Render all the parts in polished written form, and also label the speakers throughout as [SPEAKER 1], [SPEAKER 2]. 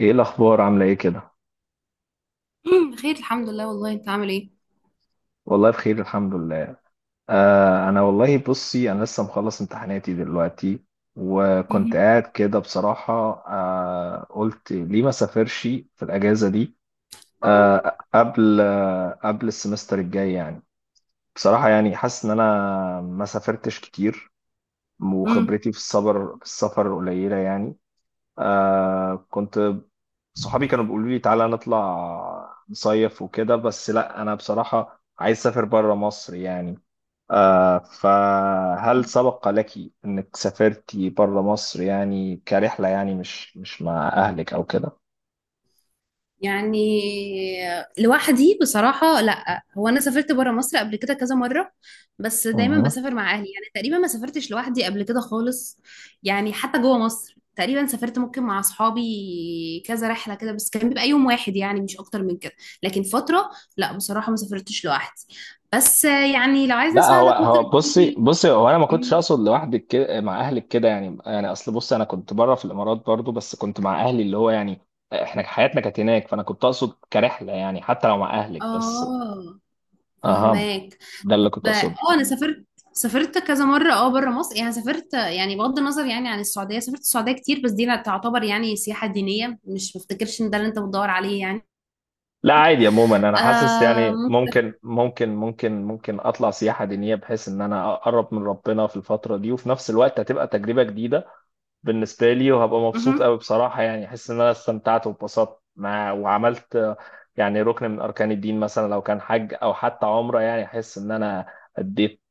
[SPEAKER 1] ايه الاخبار؟ عامله ايه كده؟
[SPEAKER 2] مم، خير الحمد لله. والله انت عامل ايه؟
[SPEAKER 1] والله بخير الحمد لله. آه انا والله بصي انا لسه مخلص امتحاناتي دلوقتي،
[SPEAKER 2] مم،
[SPEAKER 1] وكنت قاعد كده بصراحه. آه قلت ليه ما سافرش في الاجازه دي، آه قبل قبل السمستر الجاي يعني. بصراحه يعني حاسس ان انا ما سافرتش كتير،
[SPEAKER 2] مم.
[SPEAKER 1] وخبرتي في السفر في السفر قليله يعني. آه كنت صحابي كانوا بيقولوا لي تعالى نطلع نصيف وكده، بس لا انا بصراحة عايز اسافر بره مصر يعني. آه فهل سبق لك انك سافرتي بره مصر يعني كرحلة، يعني مش مع اهلك او كده؟
[SPEAKER 2] يعني لوحدي بصراحة، لا. هو انا سافرت برا مصر قبل كده كذا مرة، بس دايما
[SPEAKER 1] مهم.
[SPEAKER 2] بسافر مع اهلي. يعني تقريبا ما سافرتش لوحدي قبل كده خالص. يعني حتى جوه مصر تقريبا سافرت ممكن مع اصحابي كذا رحلة كده، بس كان بيبقى يوم واحد يعني، مش اكتر من كده. لكن فترة، لا بصراحة ما سافرتش لوحدي. بس يعني لو عايزني
[SPEAKER 1] لا هو
[SPEAKER 2] اساعدك ممكن
[SPEAKER 1] هو بصي
[SPEAKER 2] تقولي.
[SPEAKER 1] بصي هو انا ما كنتش
[SPEAKER 2] مم.
[SPEAKER 1] اقصد لوحدك، كده مع اهلك كده يعني، يعني اصل بصي انا كنت بره في الامارات برضو، بس كنت مع اهلي اللي هو يعني احنا حياتنا كانت هناك، فانا كنت اقصد كرحلة يعني حتى لو مع اهلك بس.
[SPEAKER 2] اه،
[SPEAKER 1] اهم.
[SPEAKER 2] فهماك.
[SPEAKER 1] ده اللي
[SPEAKER 2] طب
[SPEAKER 1] كنت اقصده.
[SPEAKER 2] اه انا سافرت كذا مره اه بره مصر، يعني سافرت يعني بغض النظر يعني عن السعوديه، سافرت السعوديه كتير، بس دي لا تعتبر يعني سياحه دينيه، مش بفتكرش ان ده اللي انت بتدور عليه يعني.
[SPEAKER 1] لا عادي، عموما انا حاسس
[SPEAKER 2] آه
[SPEAKER 1] يعني
[SPEAKER 2] ممكن.
[SPEAKER 1] ممكن اطلع سياحه دينيه بحيث ان انا اقرب من ربنا في الفتره دي، وفي نفس الوقت هتبقى تجربه جديده بالنسبه لي، وهبقى مبسوط
[SPEAKER 2] مهم.
[SPEAKER 1] قوي بصراحه، يعني احس ان انا استمتعت واتبسطت مع وعملت يعني ركن من اركان الدين، مثلا لو كان حج او حتى عمره، يعني احس ان انا اديت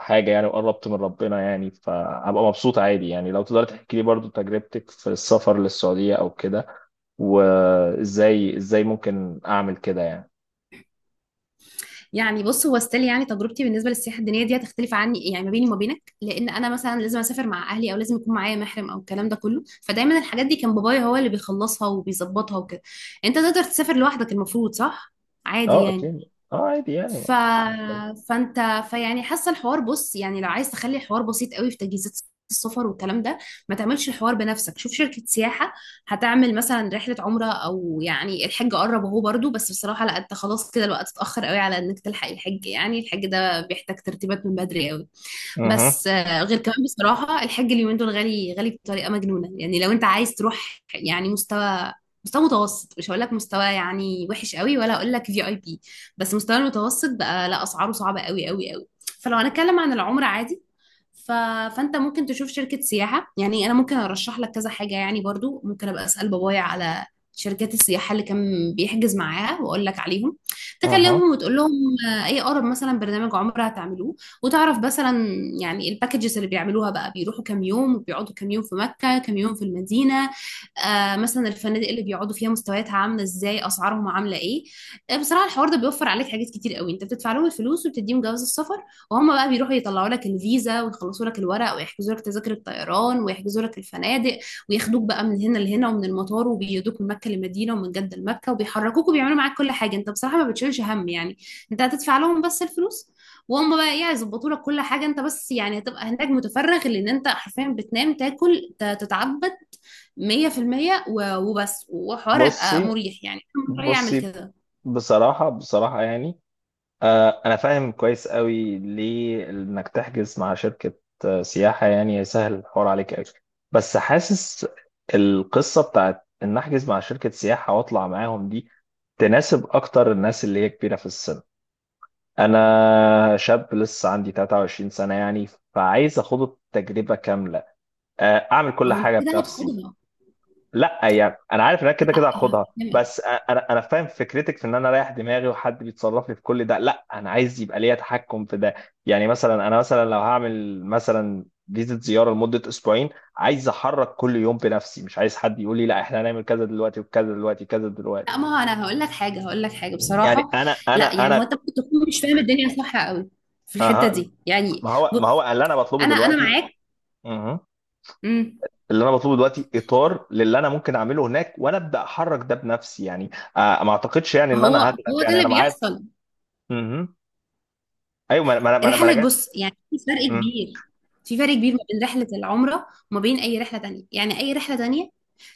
[SPEAKER 1] حاجه يعني وقربت من ربنا يعني، فهبقى مبسوط عادي. يعني لو تقدر تحكي لي برضو تجربتك في السفر للسعوديه او كده، وازاي ازاي ممكن اعمل كده يعني.
[SPEAKER 2] يعني بص، هو ستيل يعني تجربتي بالنسبه للسياحه الدينيه دي هتختلف عني، يعني ما بيني وما بينك، لان انا مثلا لازم اسافر مع اهلي او لازم يكون معايا محرم او الكلام ده كله. فدايما الحاجات دي كان بابايا هو اللي بيخلصها وبيظبطها وكده. انت تقدر تسافر لوحدك المفروض صح؟ عادي
[SPEAKER 1] اه
[SPEAKER 2] يعني.
[SPEAKER 1] اكيد، اه عادي يعني
[SPEAKER 2] ف... فانت، فيعني حاسه الحوار، بص يعني لو عايز تخلي الحوار بسيط قوي في تجهيزات السفر والكلام ده، ما تعملش الحوار بنفسك، شوف شركه سياحه هتعمل مثلا رحله عمره. او يعني الحج قرب اهو برضو، بس بصراحه لا، انت خلاص كده الوقت اتاخر قوي على انك تلحق الحج، يعني الحج ده بيحتاج ترتيبات من بدري قوي.
[SPEAKER 1] اها.
[SPEAKER 2] بس آه، غير كمان بصراحة الحج اليومين دول غالي غالي بطريقة مجنونة. يعني لو انت عايز تروح يعني مستوى مستوى متوسط، مش هقول لك مستوى يعني وحش قوي، ولا هقول لك في اي بي، بس مستوى المتوسط بقى، لا اسعاره صعبة قوي قوي قوي. فلو هنتكلم عن العمرة عادي، ف... فانت ممكن تشوف شركة سياحة، يعني انا ممكن ارشح لك كذا حاجة، يعني برضو ممكن ابقى اسأل بابايا على شركات السياحة اللي كان بيحجز معاها واقول لك عليهم، تكلمهم
[SPEAKER 1] اها.
[SPEAKER 2] وتقول لهم، آه، اي اقرب مثلا برنامج عمرة هتعملوه، وتعرف مثلا يعني الباكجز اللي بيعملوها بقى، بيروحوا كام يوم وبيقعدوا كام يوم في مكة، كام يوم في المدينة، آه مثلا الفنادق اللي بيقعدوا فيها مستوياتها عاملة ازاي، اسعارهم عاملة ايه. آه، بصراحة الحوار ده بيوفر عليك حاجات كتير قوي، انت بتدفع لهم الفلوس وبتديهم جواز السفر، وهم بقى بيروحوا يطلعوا لك الفيزا ويخلصوا لك الورق ويحجزوا لك تذاكر الطيران ويحجزوا لك الفنادق، وياخدوك بقى من هنا لهنا، ومن المطار، وبيودوك من مكة لمدينة ومن جدة لمكة، وبيحركوك وبيعملوا معاك كل حاجة. انت بصراحة ما بتشيلش هم يعني، انت هتدفع لهم بس الفلوس وهم بقى ايه هيظبطوا لك كل حاجه. انت بس يعني هتبقى هناك متفرغ، لان انت حرفيا بتنام تاكل تتعبد 100% وبس، وحوار يبقى
[SPEAKER 1] بصي
[SPEAKER 2] مريح يعني، أنا من رأيي اعمل
[SPEAKER 1] بصي
[SPEAKER 2] كده.
[SPEAKER 1] بصراحة، بصراحة يعني آه انا فاهم كويس قوي ليه انك تحجز مع شركة آه، سياحة، يعني سهل الحوار عليك قوي. بس حاسس القصة بتاعت ان احجز مع شركة سياحة واطلع معاهم دي تناسب اكتر الناس اللي هي كبيرة في السن. انا شاب لسه عندي 23 سنة يعني، فعايز اخد التجربة كاملة آه، اعمل
[SPEAKER 2] ما
[SPEAKER 1] كل
[SPEAKER 2] هو انت
[SPEAKER 1] حاجة
[SPEAKER 2] كده
[SPEAKER 1] بنفسي.
[SPEAKER 2] هتاخدها.
[SPEAKER 1] لا يعني انا عارف ان انا كده
[SPEAKER 2] لا
[SPEAKER 1] كده هاخدها،
[SPEAKER 2] هفهمك.
[SPEAKER 1] بس انا فاهم فكرتك في ان انا رايح دماغي وحد بيتصرف لي في كل ده. لا انا عايز يبقى ليا تحكم في ده يعني، مثلا انا مثلا لو هعمل مثلا فيزة زيارة لمدة اسبوعين، عايز احرك كل يوم بنفسي، مش عايز حد يقول لي لا احنا هنعمل كذا دلوقتي وكذا دلوقتي وكذا
[SPEAKER 2] لا
[SPEAKER 1] دلوقتي
[SPEAKER 2] ما هو انا هقول لك حاجه هقول لك حاجه
[SPEAKER 1] يعني
[SPEAKER 2] بصراحه،
[SPEAKER 1] انا
[SPEAKER 2] لا
[SPEAKER 1] انا
[SPEAKER 2] يعني هو
[SPEAKER 1] انا
[SPEAKER 2] انت ممكن تكون مش فاهم الدنيا صح قوي في الحته
[SPEAKER 1] اها. مم.
[SPEAKER 2] دي يعني.
[SPEAKER 1] ما هو ما هو
[SPEAKER 2] بص
[SPEAKER 1] اللي انا بطلبه
[SPEAKER 2] انا
[SPEAKER 1] دلوقتي.
[SPEAKER 2] معاك.
[SPEAKER 1] مهم.
[SPEAKER 2] امم.
[SPEAKER 1] اللي انا بطلبه دلوقتي اطار للي انا ممكن اعمله هناك، وانا ابدا احرك ده بنفسي يعني. آه ما اعتقدش يعني
[SPEAKER 2] ما
[SPEAKER 1] ان
[SPEAKER 2] هو
[SPEAKER 1] انا هغلب،
[SPEAKER 2] هو ده
[SPEAKER 1] يعني
[SPEAKER 2] اللي
[SPEAKER 1] انا معايا.
[SPEAKER 2] بيحصل.
[SPEAKER 1] مهم. ايوه ما ما ما انا ما أنا
[SPEAKER 2] رحلة،
[SPEAKER 1] جات.
[SPEAKER 2] بص يعني في فرق
[SPEAKER 1] مم.
[SPEAKER 2] كبير، في فرق كبير ما بين رحلة العمرة وما بين أي رحلة تانية. يعني أي رحلة تانية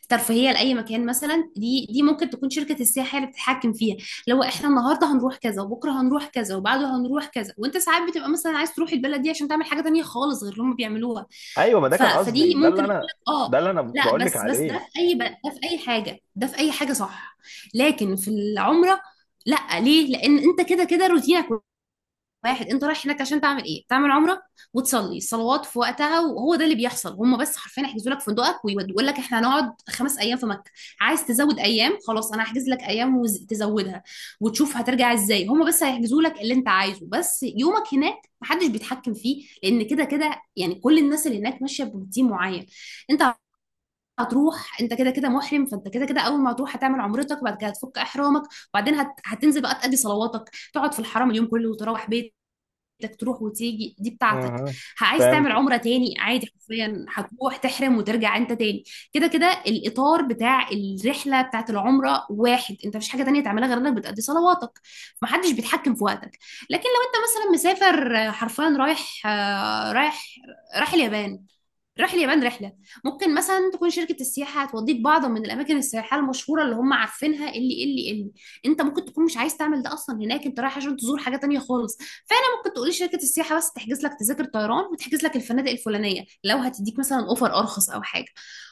[SPEAKER 2] ترفيهية لأي مكان مثلا، دي ممكن تكون شركة السياحة هي اللي بتتحكم فيها، لو احنا النهاردة هنروح كذا، وبكرة هنروح كذا، وبعده هنروح كذا، وانت ساعات بتبقى مثلا عايز تروح البلد دي عشان تعمل حاجة تانية خالص غير اللي هم بيعملوها.
[SPEAKER 1] ايوه ما ده كان
[SPEAKER 2] فدي
[SPEAKER 1] قصدي، ده اللي
[SPEAKER 2] ممكن اقول
[SPEAKER 1] انا
[SPEAKER 2] لك
[SPEAKER 1] ده
[SPEAKER 2] اه.
[SPEAKER 1] اللي انا
[SPEAKER 2] لا
[SPEAKER 1] بقول لك
[SPEAKER 2] بس ده
[SPEAKER 1] عليه.
[SPEAKER 2] في أي بلد، ده في أي حاجة، ده في أي حاجة صح. لكن في العمرة، لا ليه؟ لأن انت كده كده روتينك واحد، انت رايح هناك عشان تعمل ايه؟ تعمل عمره، وتصلي الصلوات في وقتها. وهو ده اللي بيحصل، هم بس حرفيا يحجزوا لك فندقك ويقول لك احنا هنقعد 5 ايام في مكه، عايز تزود ايام خلاص انا هحجز لك ايام وتزودها، وتشوف هترجع ازاي. هم بس هيحجزوا لك اللي انت عايزه، بس يومك هناك محدش بيتحكم فيه، لان كده كده يعني كل الناس اللي هناك ماشيه بروتين معين. انت هتروح انت كده كده محرم، فانت كده كده اول ما هتروح هتعمل عمرتك وبعد كده هتفك احرامك، وبعدين هتنزل بقى تقضي صلواتك، تقعد في الحرم اليوم كله وتروح بيتك. انك تروح وتيجي دي بتاعتك.
[SPEAKER 1] مهم.
[SPEAKER 2] عايز تعمل
[SPEAKER 1] فهمت.
[SPEAKER 2] عمرة تاني عادي، حرفيا هتروح تحرم وترجع انت تاني. كده كده الاطار بتاع الرحلة بتاعت العمرة واحد، انت مفيش حاجة تانية تعملها غير انك بتأدي صلواتك، محدش بيتحكم في وقتك. لكن لو انت مثلا مسافر آه، حرفيا رايح آه، رايح اليابان، رايح اليابان رحلة، ممكن مثلا تكون شركة السياحة هتوديك بعض من الأماكن السياحية المشهورة اللي هم عارفينها، اللي أنت ممكن تكون مش عايز تعمل ده أصلا، هناك أنت رايح عشان تزور حاجة تانية خالص. ممكن تقولي شركة السياحة بس تحجز لك تذاكر طيران وتحجز لك الفنادق الفلانية لو هتديك مثلا اوفر ارخص او حاجة،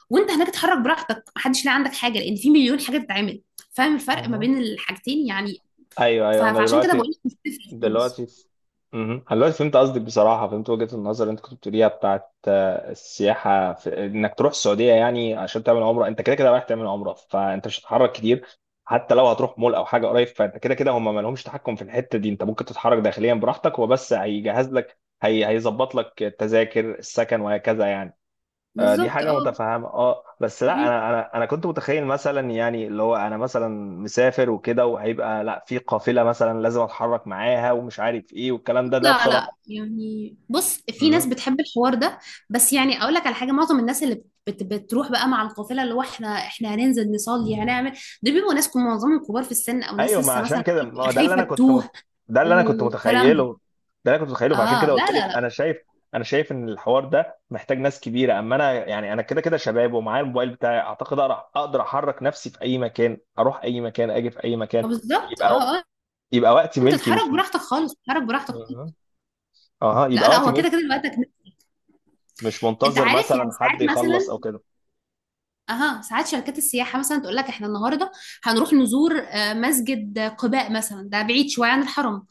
[SPEAKER 2] وانت هناك اتحرك براحتك، محدش لاقي عندك حاجة، لان في مليون حاجة تتعمل. فاهم الفرق ما
[SPEAKER 1] مهم.
[SPEAKER 2] بين الحاجتين يعني.
[SPEAKER 1] ايوه، ايوه انا
[SPEAKER 2] فعشان كده بقول
[SPEAKER 1] دلوقتي
[SPEAKER 2] لك مش بتفرق خالص.
[SPEAKER 1] دلوقتي مهم. أنا دلوقتي فهمت قصدك بصراحة، فهمت وجهة النظر اللي أنت كنت بتقوليها بتاعت آه، السياحة في إنك تروح السعودية يعني عشان تعمل عمرة. أنت كده كده رايح تعمل عمرة، فأنت مش هتتحرك كتير. حتى لو هتروح مول أو حاجة قريب، فأنت كده كده هم ما لهمش تحكم في الحتة دي، أنت ممكن تتحرك داخليا براحتك. هو بس هيجهز لك هي هيظبط لك التذاكر السكن وهكذا يعني. آه، دي
[SPEAKER 2] بالظبط
[SPEAKER 1] حاجة
[SPEAKER 2] اه.
[SPEAKER 1] متفهمة اه. بس لا
[SPEAKER 2] م-م.
[SPEAKER 1] انا انا كنت متخيل مثلا يعني اللي هو انا مثلا مسافر وكده، وهيبقى لا في قافلة مثلا لازم اتحرك معاها ومش عارف ايه والكلام ده، ده
[SPEAKER 2] لا
[SPEAKER 1] بصراحة.
[SPEAKER 2] لا يعني بص، في ناس
[SPEAKER 1] مهم.
[SPEAKER 2] بتحب الحوار ده، بس يعني اقول لك على حاجة، معظم الناس اللي بتروح بقى مع القافلة اللي هو احنا هننزل نصلي هنعمل، دول بيبقوا ناس معظمهم كبار في السن، او ناس
[SPEAKER 1] ايوه ما
[SPEAKER 2] لسه
[SPEAKER 1] عشان
[SPEAKER 2] مثلا
[SPEAKER 1] كده ما هو
[SPEAKER 2] بتبقى
[SPEAKER 1] ده اللي
[SPEAKER 2] خايفة
[SPEAKER 1] انا
[SPEAKER 2] تتوه
[SPEAKER 1] ده اللي انا كنت
[SPEAKER 2] والكلام ده.
[SPEAKER 1] متخيله ده اللي انا كنت متخيله، فعشان كده
[SPEAKER 2] اه لا
[SPEAKER 1] قلت لك
[SPEAKER 2] لا لا.
[SPEAKER 1] انا شايف، انا شايف ان الحوار ده محتاج ناس كبيرة، اما انا يعني انا كده كده شباب ومعايا الموبايل بتاعي، اعتقد اقدر اقدر احرك نفسي في اي مكان، اروح اي مكان، اجي في اي مكان.
[SPEAKER 2] آه، بالظبط
[SPEAKER 1] يبقى
[SPEAKER 2] اه اه.
[SPEAKER 1] يبقى وقتي
[SPEAKER 2] انت
[SPEAKER 1] ملكي،
[SPEAKER 2] تتحرك
[SPEAKER 1] مش
[SPEAKER 2] براحتك خالص، تتحرك براحتك
[SPEAKER 1] مهم.
[SPEAKER 2] خالص.
[SPEAKER 1] اها
[SPEAKER 2] لا
[SPEAKER 1] يبقى
[SPEAKER 2] لا
[SPEAKER 1] وقت
[SPEAKER 2] هو
[SPEAKER 1] ملك،
[SPEAKER 2] كده كده وقتك.
[SPEAKER 1] مش
[SPEAKER 2] انت
[SPEAKER 1] منتظر
[SPEAKER 2] عارف يعني
[SPEAKER 1] مثلا حد
[SPEAKER 2] ساعات
[SPEAKER 1] يخلص
[SPEAKER 2] مثلا،
[SPEAKER 1] او كده.
[SPEAKER 2] اها ساعات شركات السياحه مثلا تقول لك احنا النهارده هنروح نزور آه، مسجد قباء مثلا، ده بعيد شويه عن الحرم،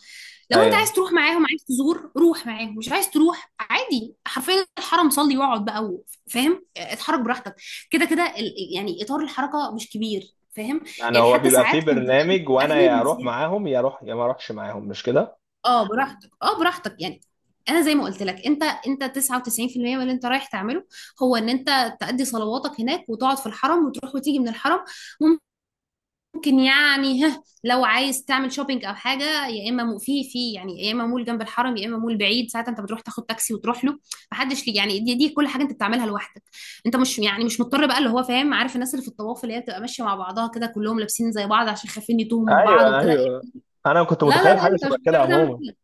[SPEAKER 2] لو انت
[SPEAKER 1] ايوه.
[SPEAKER 2] عايز تروح معاهم عايز تزور روح معاهم، مش عايز تروح عادي، حرفيا الحرم صلي واقعد بقى فاهم، آه، اتحرك براحتك، كده كده يعني اطار الحركه مش كبير، فاهم.
[SPEAKER 1] يعني
[SPEAKER 2] يعني
[SPEAKER 1] هو
[SPEAKER 2] حتى
[SPEAKER 1] بيبقى فيه
[SPEAKER 2] ساعات كنت
[SPEAKER 1] برنامج وانا
[SPEAKER 2] اهلي
[SPEAKER 1] يا اروح
[SPEAKER 2] بنسافر،
[SPEAKER 1] معاهم يا اروح، يا ما اروحش معاهم، مش كده؟
[SPEAKER 2] اه براحتك اه براحتك يعني. انا زي ما قلت لك انت 99% من اللي انت رايح تعمله هو ان انت تأدي صلواتك هناك وتقعد في الحرم وتروح وتيجي من الحرم. ممكن يعني ها لو عايز تعمل شوبينج او حاجه، يا اما في يعني يا اما مول جنب الحرم، يا اما مول بعيد، ساعتها انت بتروح تاخد تاكسي وتروح له. محدش ليه يعني، دي كل حاجه انت بتعملها لوحدك. انت مش يعني مش مضطر بقى اللي هو فاهم، عارف الناس اللي في الطواف اللي هي بتبقى ماشيه مع بعضها كده كلهم لابسين زي بعض عشان خايفين يتوهوا من بعض
[SPEAKER 1] ايوه،
[SPEAKER 2] وكده.
[SPEAKER 1] ايوه انا كنت
[SPEAKER 2] لا لا
[SPEAKER 1] متخيل
[SPEAKER 2] لا
[SPEAKER 1] حاجه
[SPEAKER 2] انت مش
[SPEAKER 1] شبه كده
[SPEAKER 2] مضطر
[SPEAKER 1] عموما.
[SPEAKER 2] تعمل،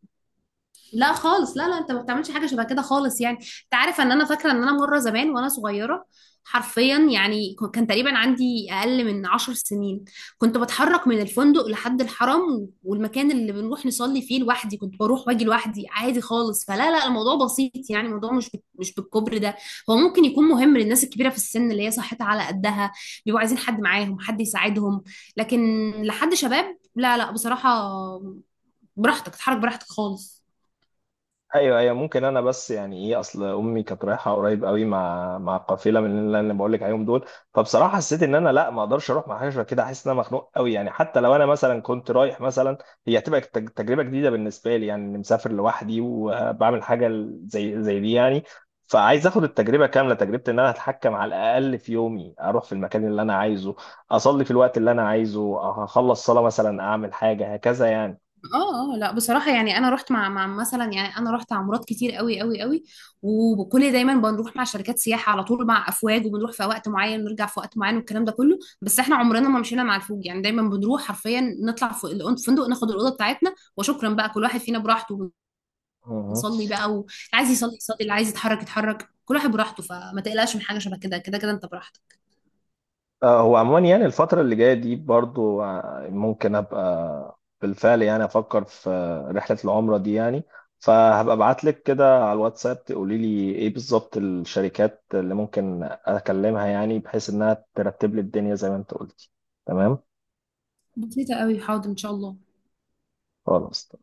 [SPEAKER 2] لا خالص، لا لا انت ما بتعملش حاجه شبه كده خالص. يعني انت عارف، ان انا فاكره ان انا مره زمان وانا صغيره حرفيا يعني، كان تقريبا عندي اقل من 10 سنين، كنت بتحرك من الفندق لحد الحرم والمكان اللي بنروح نصلي فيه لوحدي، كنت بروح واجي لوحدي عادي خالص. فلا لا الموضوع بسيط يعني، الموضوع مش مش بالكبر ده. هو ممكن يكون مهم للناس الكبيره في السن اللي هي صحتها على قدها، بيبقوا عايزين حد معاهم حد يساعدهم، لكن لحد شباب لا لا بصراحه، براحتك تتحرك براحتك خالص.
[SPEAKER 1] ايوه، ايوه ممكن. انا بس يعني ايه، اصل امي كانت رايحه قريب قوي مع مع قافله من اللي انا بقول لك عليهم دول، فبصراحه حسيت ان انا لا ما اقدرش اروح مع حاجه شبه كده، احس ان انا مخنوق قوي يعني. حتى لو انا مثلا كنت رايح مثلا هي هتبقى تجربه جديده بالنسبه لي، يعني اني مسافر لوحدي وبعمل حاجه زي دي يعني. فعايز اخد التجربه كامله، تجربه ان انا اتحكم على الاقل في يومي، اروح في المكان اللي انا عايزه، اصلي في الوقت اللي انا عايزه، اخلص صلاه مثلا اعمل حاجه هكذا
[SPEAKER 2] اه اه لا بصراحة يعني، انا رحت مع مثلا يعني انا رحت عمارات كتير قوي قوي قوي، وكل دايما بنروح مع شركات سياحة على طول مع افواج، وبنروح في وقت معين ونرجع في وقت معين والكلام ده كله، بس احنا عمرنا ما مشينا مع الفوج يعني. دايما بنروح حرفيا نطلع فوق الفندق ناخد الأوضة بتاعتنا وشكرا بقى، كل واحد فينا براحته
[SPEAKER 1] يعني.
[SPEAKER 2] ونصلي بقى، واللي عايز يصلي يصلي، اللي عايز يتحرك يتحرك، كل واحد براحته. فما تقلقش من حاجة شبه كده، كده كده انت براحتك.
[SPEAKER 1] آه، هو عموما يعني الفترة اللي جاية دي برضو آه، ممكن أبقى بالفعل يعني أفكر في آه، رحلة العمرة دي يعني، فهبقى ابعت لك كده على الواتساب تقولي لي إيه بالظبط الشركات اللي ممكن أكلمها، يعني بحيث إنها ترتب لي الدنيا زي ما أنت قلتي. تمام.
[SPEAKER 2] بسيطة قوي، حاضر ان شاء الله.
[SPEAKER 1] خلاص.